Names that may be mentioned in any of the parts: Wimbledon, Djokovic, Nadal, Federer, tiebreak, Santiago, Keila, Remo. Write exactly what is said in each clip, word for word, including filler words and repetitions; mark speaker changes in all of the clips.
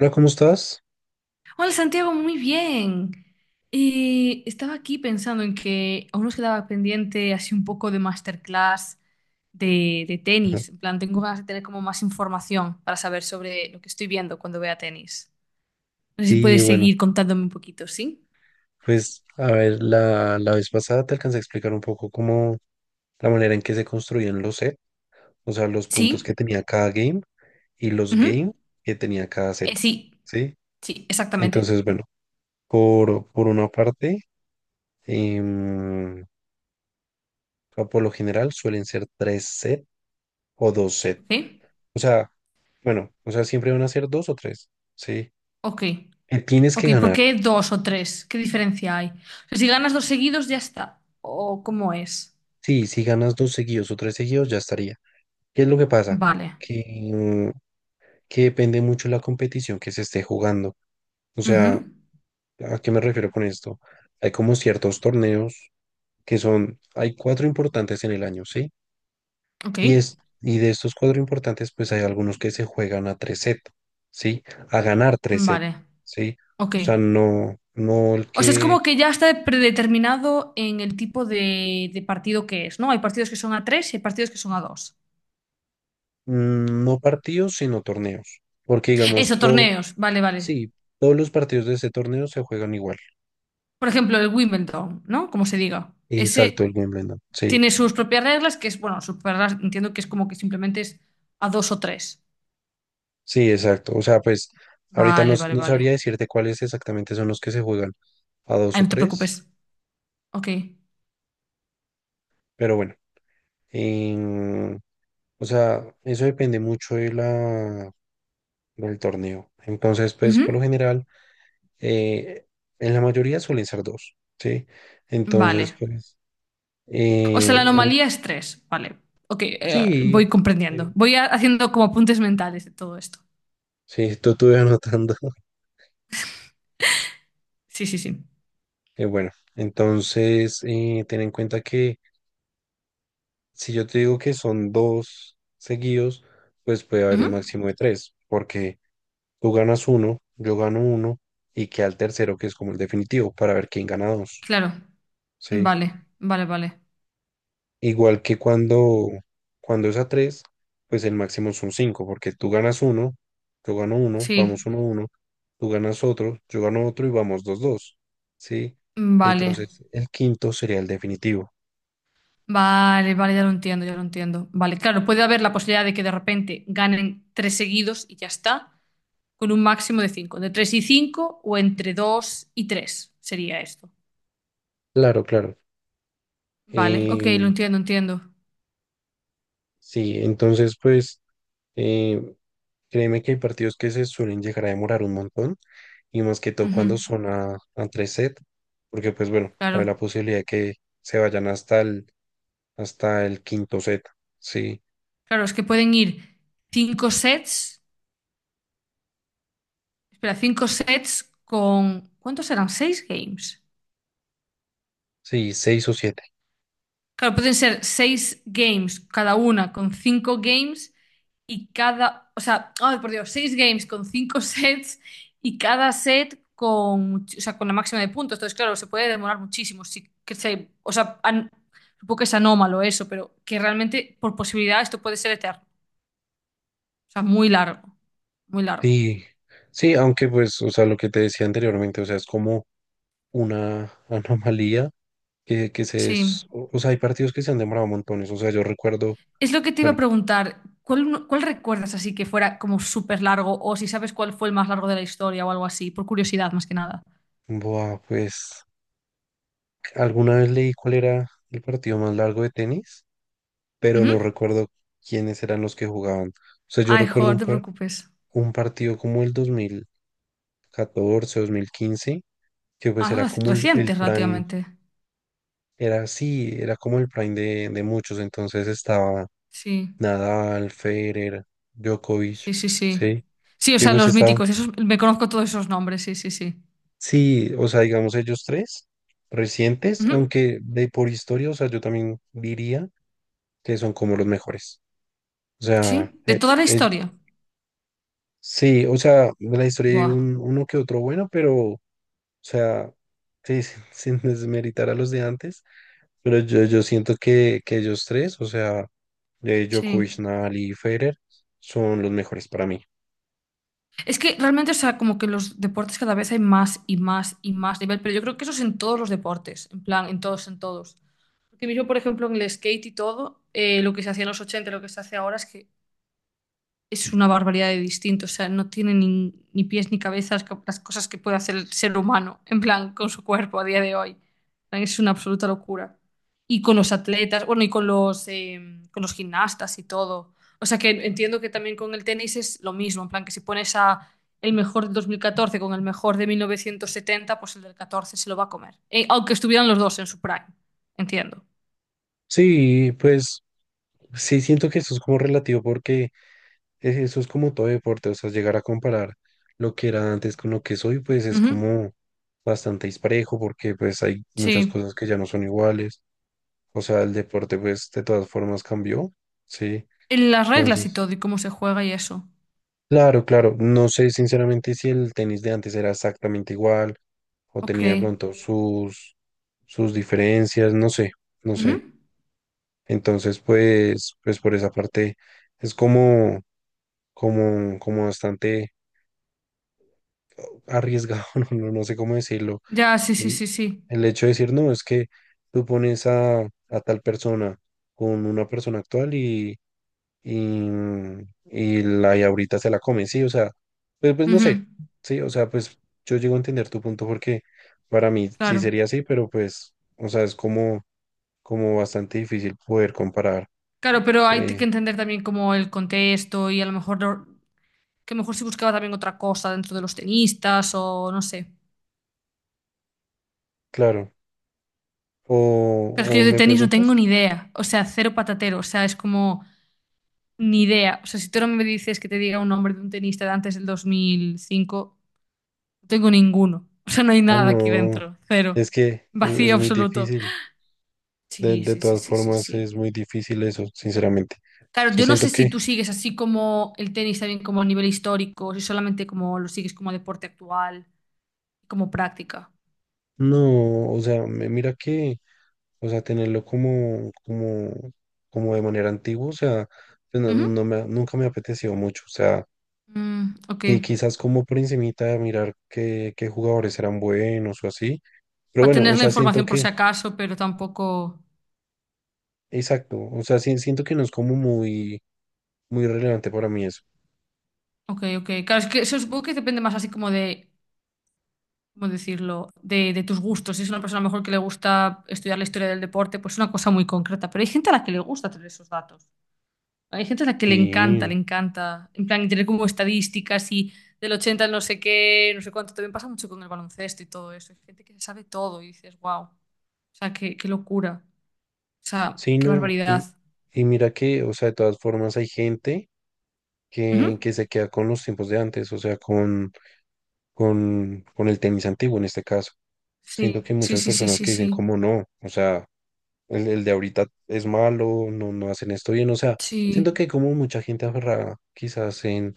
Speaker 1: Hola, ¿cómo estás?
Speaker 2: Hola Santiago, muy bien. Eh, estaba aquí pensando en que aún nos quedaba pendiente así un poco de masterclass de, de
Speaker 1: Ajá.
Speaker 2: tenis. En plan, tengo ganas de tener como más información para saber sobre lo que estoy viendo cuando vea tenis. No sé si
Speaker 1: Sí,
Speaker 2: puedes
Speaker 1: bueno,
Speaker 2: seguir contándome un poquito, ¿sí? Sí.
Speaker 1: pues a ver, la, la vez pasada te alcancé a explicar un poco cómo la manera en que se construían los set, o sea, los puntos que
Speaker 2: ¿Sí?
Speaker 1: tenía cada game y los
Speaker 2: Ujú.
Speaker 1: game que tenía cada set,
Speaker 2: Eh, sí,
Speaker 1: ¿sí?
Speaker 2: sí, exactamente.
Speaker 1: Entonces, bueno, por, por una parte, em, o sea, por lo general suelen ser tres set o dos set,
Speaker 2: ¿Ok?
Speaker 1: o sea, bueno, o sea, siempre van a ser dos o tres, ¿sí?
Speaker 2: Ok,
Speaker 1: Que tienes que
Speaker 2: ok. ¿Por
Speaker 1: ganar,
Speaker 2: qué dos o tres? ¿Qué diferencia hay? O sea, si ganas dos seguidos, ya está. ¿O cómo es?
Speaker 1: sí, si ganas dos seguidos o tres seguidos ya estaría. ¿Qué es lo que pasa?
Speaker 2: Vale.
Speaker 1: Que, que depende mucho la competición que se esté jugando. O sea,
Speaker 2: Ujú.
Speaker 1: ¿a qué me refiero con esto? Hay como ciertos torneos que son, hay cuatro importantes en el año, ¿sí?
Speaker 2: Ok.
Speaker 1: Y, es, y de estos cuatro importantes, pues hay algunos que se juegan a tres set, ¿sí? A ganar tres set,
Speaker 2: Vale,
Speaker 1: ¿sí? O
Speaker 2: ok.
Speaker 1: sea, no, no el
Speaker 2: O sea, es
Speaker 1: que,
Speaker 2: como que ya está predeterminado en el tipo de, de partido que es, ¿no? Hay partidos que son a tres y hay partidos que son a dos.
Speaker 1: mm, no partidos, sino torneos. Porque digamos,
Speaker 2: Eso,
Speaker 1: todo,
Speaker 2: torneos, vale, vale.
Speaker 1: sí, todos los partidos de ese torneo se juegan igual.
Speaker 2: Por ejemplo, el Wimbledon, ¿no? Como se diga.
Speaker 1: Exacto,
Speaker 2: Ese
Speaker 1: el Wimbledon, sí.
Speaker 2: tiene sus propias reglas, que es, bueno, sus propias reglas, entiendo que es como que simplemente es a dos o tres.
Speaker 1: Sí, exacto. O sea, pues ahorita no,
Speaker 2: Vale,
Speaker 1: s-
Speaker 2: vale,
Speaker 1: no sabría
Speaker 2: vale.
Speaker 1: decirte cuáles exactamente son los que se juegan a dos
Speaker 2: Ay,
Speaker 1: o
Speaker 2: no te
Speaker 1: tres,
Speaker 2: preocupes. Ok.
Speaker 1: pero bueno, em, o sea, eso depende mucho de la, del torneo. Entonces, pues por lo
Speaker 2: Ujú.
Speaker 1: general, eh, en la mayoría suelen ser dos, ¿sí? Entonces,
Speaker 2: Vale.
Speaker 1: pues,
Speaker 2: O sea, la
Speaker 1: eh, el-
Speaker 2: anomalía es tres. Vale. Ok, eh,
Speaker 1: sí,
Speaker 2: voy comprendiendo.
Speaker 1: sí,
Speaker 2: Voy a- haciendo como apuntes mentales de todo esto.
Speaker 1: sí, tú estuve anotando.
Speaker 2: Sí, sí, sí.
Speaker 1: Eh, bueno, entonces, eh, ten en cuenta que... Si yo te digo que son dos seguidos, pues puede haber
Speaker 2: Ujú.
Speaker 1: un máximo de tres, porque tú ganas uno, yo gano uno, y queda el tercero, que es como el definitivo, para ver quién gana dos,
Speaker 2: Claro.
Speaker 1: ¿sí?
Speaker 2: Vale, vale, vale.
Speaker 1: Igual que cuando, cuando es a tres, pues el máximo son cinco, porque tú ganas uno, yo gano uno,
Speaker 2: Sí,
Speaker 1: vamos uno, uno, tú ganas otro, yo gano otro y vamos dos, dos, ¿sí?
Speaker 2: vale.
Speaker 1: Entonces, el quinto sería el definitivo.
Speaker 2: Vale, vale, ya lo entiendo, ya lo entiendo. Vale, claro, puede haber la posibilidad de que de repente ganen tres seguidos y ya está, con un máximo de cinco, de tres y cinco o entre dos y tres sería esto.
Speaker 1: Claro, claro.
Speaker 2: Vale, ok, lo
Speaker 1: Eh,
Speaker 2: entiendo, entiendo.
Speaker 1: sí, entonces, pues... eh, Créeme que hay partidos que se suelen llegar a demorar un montón y más que todo
Speaker 2: Ujú.
Speaker 1: cuando son a, a tres set, porque pues bueno, hay
Speaker 2: Claro,
Speaker 1: la posibilidad de que se vayan hasta el, hasta el quinto set, sí,
Speaker 2: claro, es que pueden ir cinco sets, espera, cinco sets con, ¿cuántos serán? ¿Seis games?
Speaker 1: sí, seis o siete,
Speaker 2: Claro, pueden ser seis games cada una con cinco games y cada, o sea, ay, por Dios, seis games con cinco sets y cada set con, much- o sea, con la máxima de puntos. Entonces, claro, se puede demorar muchísimo. Sí, que se, o sea, an- supongo que es anómalo eso, pero que realmente por posibilidad esto puede ser eterno. O sea, muy largo, muy largo.
Speaker 1: sí, sí, aunque pues, o sea, lo que te decía anteriormente, o sea, es como una anomalía que, que se,
Speaker 2: Sí.
Speaker 1: es- o, o sea, hay partidos que se han demorado montones, o sea, yo recuerdo,
Speaker 2: Es lo que te iba a
Speaker 1: bueno,
Speaker 2: preguntar. ¿Cuál, uno- Cuál recuerdas así que fuera como súper largo o si sabes cuál fue el más largo de la historia o algo así? Por curiosidad, más que nada.
Speaker 1: buah, pues alguna vez leí cuál era el partido más largo de tenis pero no
Speaker 2: Ujú.
Speaker 1: recuerdo quiénes eran los que jugaban. O sea, yo
Speaker 2: Ay,
Speaker 1: recuerdo
Speaker 2: joder,
Speaker 1: un,
Speaker 2: no te
Speaker 1: par-
Speaker 2: preocupes.
Speaker 1: un partido como el dos dos mil catorce, dos mil quince, que pues
Speaker 2: Ah,
Speaker 1: era
Speaker 2: reci-
Speaker 1: como el, el
Speaker 2: recientes
Speaker 1: prime,
Speaker 2: relativamente.
Speaker 1: era sí, era como el prime de, de muchos, entonces estaba
Speaker 2: Sí,
Speaker 1: Nadal, Federer,
Speaker 2: sí,
Speaker 1: Djokovic,
Speaker 2: sí, sí.
Speaker 1: ¿sí?
Speaker 2: Sí, o
Speaker 1: Y
Speaker 2: sea,
Speaker 1: pues
Speaker 2: los
Speaker 1: estaban,
Speaker 2: míticos, esos, me conozco todos esos nombres, sí, sí, sí.
Speaker 1: sí, o sea, digamos ellos tres recientes,
Speaker 2: Ujú.
Speaker 1: aunque de por historia, o sea, yo también diría que son como los mejores. O sea,
Speaker 2: Sí, de
Speaker 1: e-
Speaker 2: toda la
Speaker 1: e-
Speaker 2: historia.
Speaker 1: Sí, o sea, de la historia hay
Speaker 2: Buah,
Speaker 1: un, uno que otro bueno, pero, o sea, sí, sin, sin desmeritar a los de antes, pero yo, yo siento que, que ellos tres, o sea, eh,
Speaker 2: sí.
Speaker 1: Djokovic, Nadal y Federer, son los mejores para mí.
Speaker 2: Es que realmente, o sea, como que los deportes cada vez hay más y más y más nivel, pero yo creo que eso es en todos los deportes, en plan, en todos, en todos. Porque yo, por ejemplo, en el skate y todo, eh, lo que se hacía en los ochenta y lo que se hace ahora es que es una barbaridad de distinto, o sea, no tiene ni, ni pies ni cabezas las cosas que puede hacer el ser humano, en plan, con su cuerpo a día de hoy. En plan, es una absoluta locura. Y con los atletas, bueno, y con los, eh, con los gimnastas y todo. O sea que entiendo que también con el tenis es lo mismo, en plan, que si pones a el mejor del dos mil catorce con el mejor de mil novecientos setenta pues el del catorce se lo va a comer. Eh, aunque estuvieran los dos en su prime, entiendo.
Speaker 1: Sí, pues sí, siento que eso es como relativo porque es- eso es como todo deporte, o sea, llegar a comparar lo que era antes con lo que soy, pues es
Speaker 2: Ujú.
Speaker 1: como bastante disparejo porque pues hay muchas
Speaker 2: Sí.
Speaker 1: cosas que ya no son iguales. O sea, el deporte, pues, de todas formas cambió, sí.
Speaker 2: En las reglas y
Speaker 1: Entonces,
Speaker 2: todo, y cómo se juega y eso.
Speaker 1: claro, claro, no sé sinceramente si el tenis de antes era exactamente igual o
Speaker 2: Ok.
Speaker 1: tenía de pronto sus, sus diferencias, no sé, no sé.
Speaker 2: Ujú.
Speaker 1: Entonces, pues, pues por esa parte es como, como, como bastante arriesgado, no, no, no sé cómo decirlo.
Speaker 2: Ya, sí, sí,
Speaker 1: El,
Speaker 2: sí, sí.
Speaker 1: el hecho de decir, no, es que tú pones a, a tal persona con una persona actual y, mm, y la y ahorita se la comen, sí, o sea, pues, pues no
Speaker 2: Ujú.
Speaker 1: sé, sí, o sea, pues yo llego a entender tu punto porque para mí sí
Speaker 2: Claro.
Speaker 1: sería así, pero pues, o sea, es como, como bastante difícil poder comparar,
Speaker 2: Claro, pero hay que
Speaker 1: eh,
Speaker 2: entender también como el contexto y a lo mejor no- que a lo mejor si buscaba también otra cosa dentro de los tenistas o no sé.
Speaker 1: claro, o,
Speaker 2: Claro, es que yo
Speaker 1: o
Speaker 2: de
Speaker 1: me
Speaker 2: tenis no tengo
Speaker 1: preguntas,
Speaker 2: ni idea. O sea, cero patatero. O sea, es como ni idea. O sea, si tú no me dices que te diga un nombre de un tenista de antes del dos mil cinco no tengo ninguno. O sea, no hay
Speaker 1: ah,
Speaker 2: nada aquí
Speaker 1: no,
Speaker 2: dentro. Cero.
Speaker 1: es que es, es
Speaker 2: Vacío
Speaker 1: muy
Speaker 2: absoluto.
Speaker 1: difícil, de,
Speaker 2: Sí,
Speaker 1: de
Speaker 2: sí, sí,
Speaker 1: todas
Speaker 2: sí, sí,
Speaker 1: formas
Speaker 2: sí.
Speaker 1: es muy difícil eso, sinceramente, o
Speaker 2: Claro,
Speaker 1: sea,
Speaker 2: yo no
Speaker 1: siento
Speaker 2: sé si
Speaker 1: que,
Speaker 2: tú sigues así como el tenis también como a nivel histórico, si solamente como lo sigues como deporte actual, como práctica.
Speaker 1: no, o sea, me- mira que... O sea, tenerlo como, como, como de manera antigua, o sea, pues no,
Speaker 2: Ujú.
Speaker 1: no me, ha- nunca me ha apetecido mucho. O sea,
Speaker 2: Mm, ok.
Speaker 1: que quizás como por encimita de mirar qué, qué jugadores eran buenos o así. Pero
Speaker 2: Para
Speaker 1: bueno, o
Speaker 2: tener la
Speaker 1: sea, siento
Speaker 2: información por
Speaker 1: que,
Speaker 2: si acaso, pero tampoco.
Speaker 1: exacto, o sea, sí- siento que no es como muy, muy relevante para mí eso.
Speaker 2: Ok, ok. Claro, es que eso supongo que depende más así como de, ¿cómo decirlo? De, de tus gustos. Si es una persona a lo mejor que le gusta estudiar la historia del deporte, pues es una cosa muy concreta. Pero hay gente a la que le gusta tener esos datos. Hay gente a la que le encanta,
Speaker 1: Sí,
Speaker 2: le encanta. En plan, tener como estadísticas y del ochenta al no sé qué, no sé cuánto. También pasa mucho con el baloncesto y todo eso. Hay gente que se sabe todo y dices, wow. O sea, qué, qué locura. O sea,
Speaker 1: sí,
Speaker 2: qué
Speaker 1: no.
Speaker 2: barbaridad.
Speaker 1: Y, y mira que, o sea, de todas formas hay gente que,
Speaker 2: Ujú.
Speaker 1: que se queda con los tiempos de antes, o sea, con, con, con el tenis antiguo en este caso.
Speaker 2: Sí,
Speaker 1: Siento que hay
Speaker 2: sí,
Speaker 1: muchas
Speaker 2: sí, sí,
Speaker 1: personas
Speaker 2: sí,
Speaker 1: que dicen
Speaker 2: sí.
Speaker 1: como no, o sea, el, el de ahorita es malo, no, no hacen esto bien, o sea, siento
Speaker 2: Sí.
Speaker 1: que hay como mucha gente aferrada quizás en,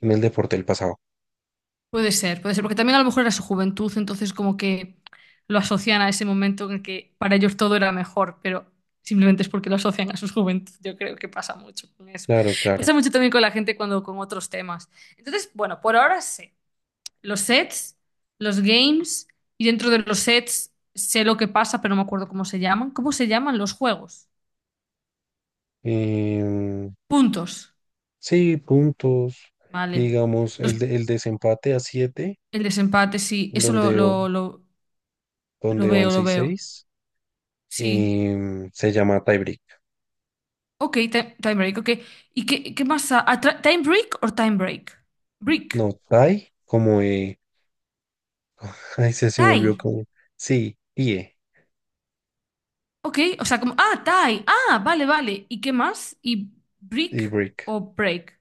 Speaker 1: en el deporte del pasado.
Speaker 2: Puede ser, puede ser, porque también a lo mejor era su juventud, entonces como que lo asocian a ese momento en el que para ellos todo era mejor, pero simplemente es porque lo asocian a su juventud. Yo creo que pasa mucho con eso.
Speaker 1: Claro, claro.
Speaker 2: Pasa mucho también con la gente cuando con otros temas. Entonces, bueno, por ahora sé los sets, los games y dentro de los sets sé lo que pasa, pero no me acuerdo cómo se llaman. ¿Cómo se llaman los juegos?
Speaker 1: Em,
Speaker 2: Puntos,
Speaker 1: sí, puntos, y
Speaker 2: vale.
Speaker 1: digamos,
Speaker 2: Los-
Speaker 1: el, de- el desempate a siete
Speaker 2: el desempate, sí, eso lo,
Speaker 1: donde, o-
Speaker 2: lo, lo lo
Speaker 1: donde van
Speaker 2: veo, lo
Speaker 1: seis
Speaker 2: veo.
Speaker 1: seis,
Speaker 2: Sí.
Speaker 1: em, se llama tiebreak.
Speaker 2: Ok, time, time break, ok. ¿Y qué, qué más? Ah, atra- ¿time break o time break? Break.
Speaker 1: No, tie, como, eh, ay, se, se
Speaker 2: Tie.
Speaker 1: volvió como, sí, tie,
Speaker 2: Ok, o sea, como, ah, tie. Ah, vale, vale. ¿Y qué más? ¿Y break
Speaker 1: y break,
Speaker 2: o break?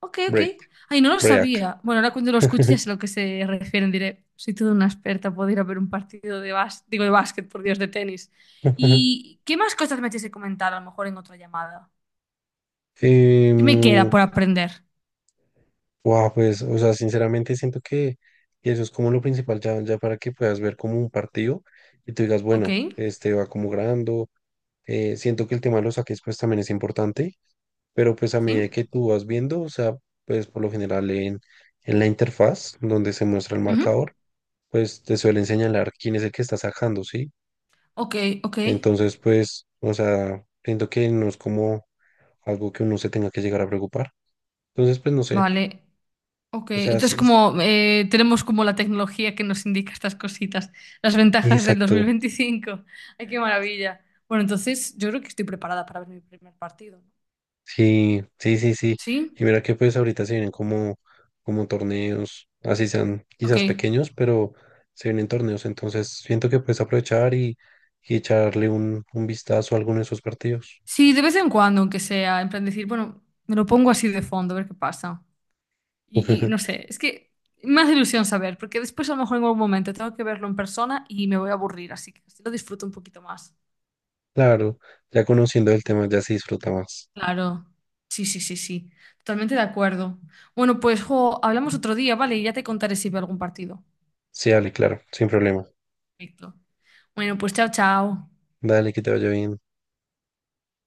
Speaker 2: Ok, ok.
Speaker 1: break,
Speaker 2: Ay, no lo
Speaker 1: break.
Speaker 2: sabía. Bueno, ahora cuando lo escuches a lo que se refieren diré, soy toda una experta, puedo ir a ver un partido de básquet, digo de básquet, por Dios, de tenis. ¿Y qué más cosas me tienes que comentar a lo mejor en otra llamada?
Speaker 1: Em,
Speaker 2: ¿Qué me queda por aprender?
Speaker 1: guau, pues, o sea, sinceramente siento que que eso es como lo principal, ya, ya para que puedas ver como un partido y tú digas,
Speaker 2: Ok,
Speaker 1: bueno, este va como grabando. Eh, siento que el tema de los saques, pues también es importante, pero pues a
Speaker 2: sí.
Speaker 1: medida que tú vas viendo, o sea, pues por lo general en, en la interfaz donde se muestra el
Speaker 2: Ujú.
Speaker 1: marcador, pues te suelen señalar quién es el que está sacando, ¿sí?
Speaker 2: Ok, ok.
Speaker 1: Entonces, pues, o sea, siento que no es como algo que uno se tenga que llegar a preocupar. Entonces, pues no sé.
Speaker 2: Vale. Ok,
Speaker 1: O sea,
Speaker 2: entonces
Speaker 1: sí,
Speaker 2: como eh, tenemos como la tecnología que nos indica estas cositas, las ventajas del
Speaker 1: exacto,
Speaker 2: dos mil veinticinco. Ay, qué maravilla. Bueno, entonces yo creo que estoy preparada para ver mi primer partido, ¿no?
Speaker 1: sí, sí, sí, sí.
Speaker 2: ¿Sí?
Speaker 1: Y mira que pues ahorita se vienen como, como torneos, así sean
Speaker 2: Ok.
Speaker 1: quizás pequeños, pero se vienen torneos, entonces siento que puedes aprovechar y, y echarle un, un vistazo a alguno de esos partidos.
Speaker 2: Sí, de vez en cuando, aunque sea, en plan decir, bueno, me lo pongo así de fondo, a ver qué pasa. Y, y no sé, es que me hace ilusión saber, porque después a lo mejor en algún momento tengo que verlo en persona y me voy a aburrir, así que así lo disfruto un poquito más.
Speaker 1: Claro, ya conociendo el tema ya se disfruta más.
Speaker 2: Claro, sí, sí, sí, sí, totalmente de acuerdo. Bueno, pues jo, hablamos otro día, ¿vale? Y ya te contaré si veo algún partido.
Speaker 1: Sí, dale, claro, sin problema.
Speaker 2: Perfecto. Bueno, pues chao, chao.
Speaker 1: Dale, que te vaya bien.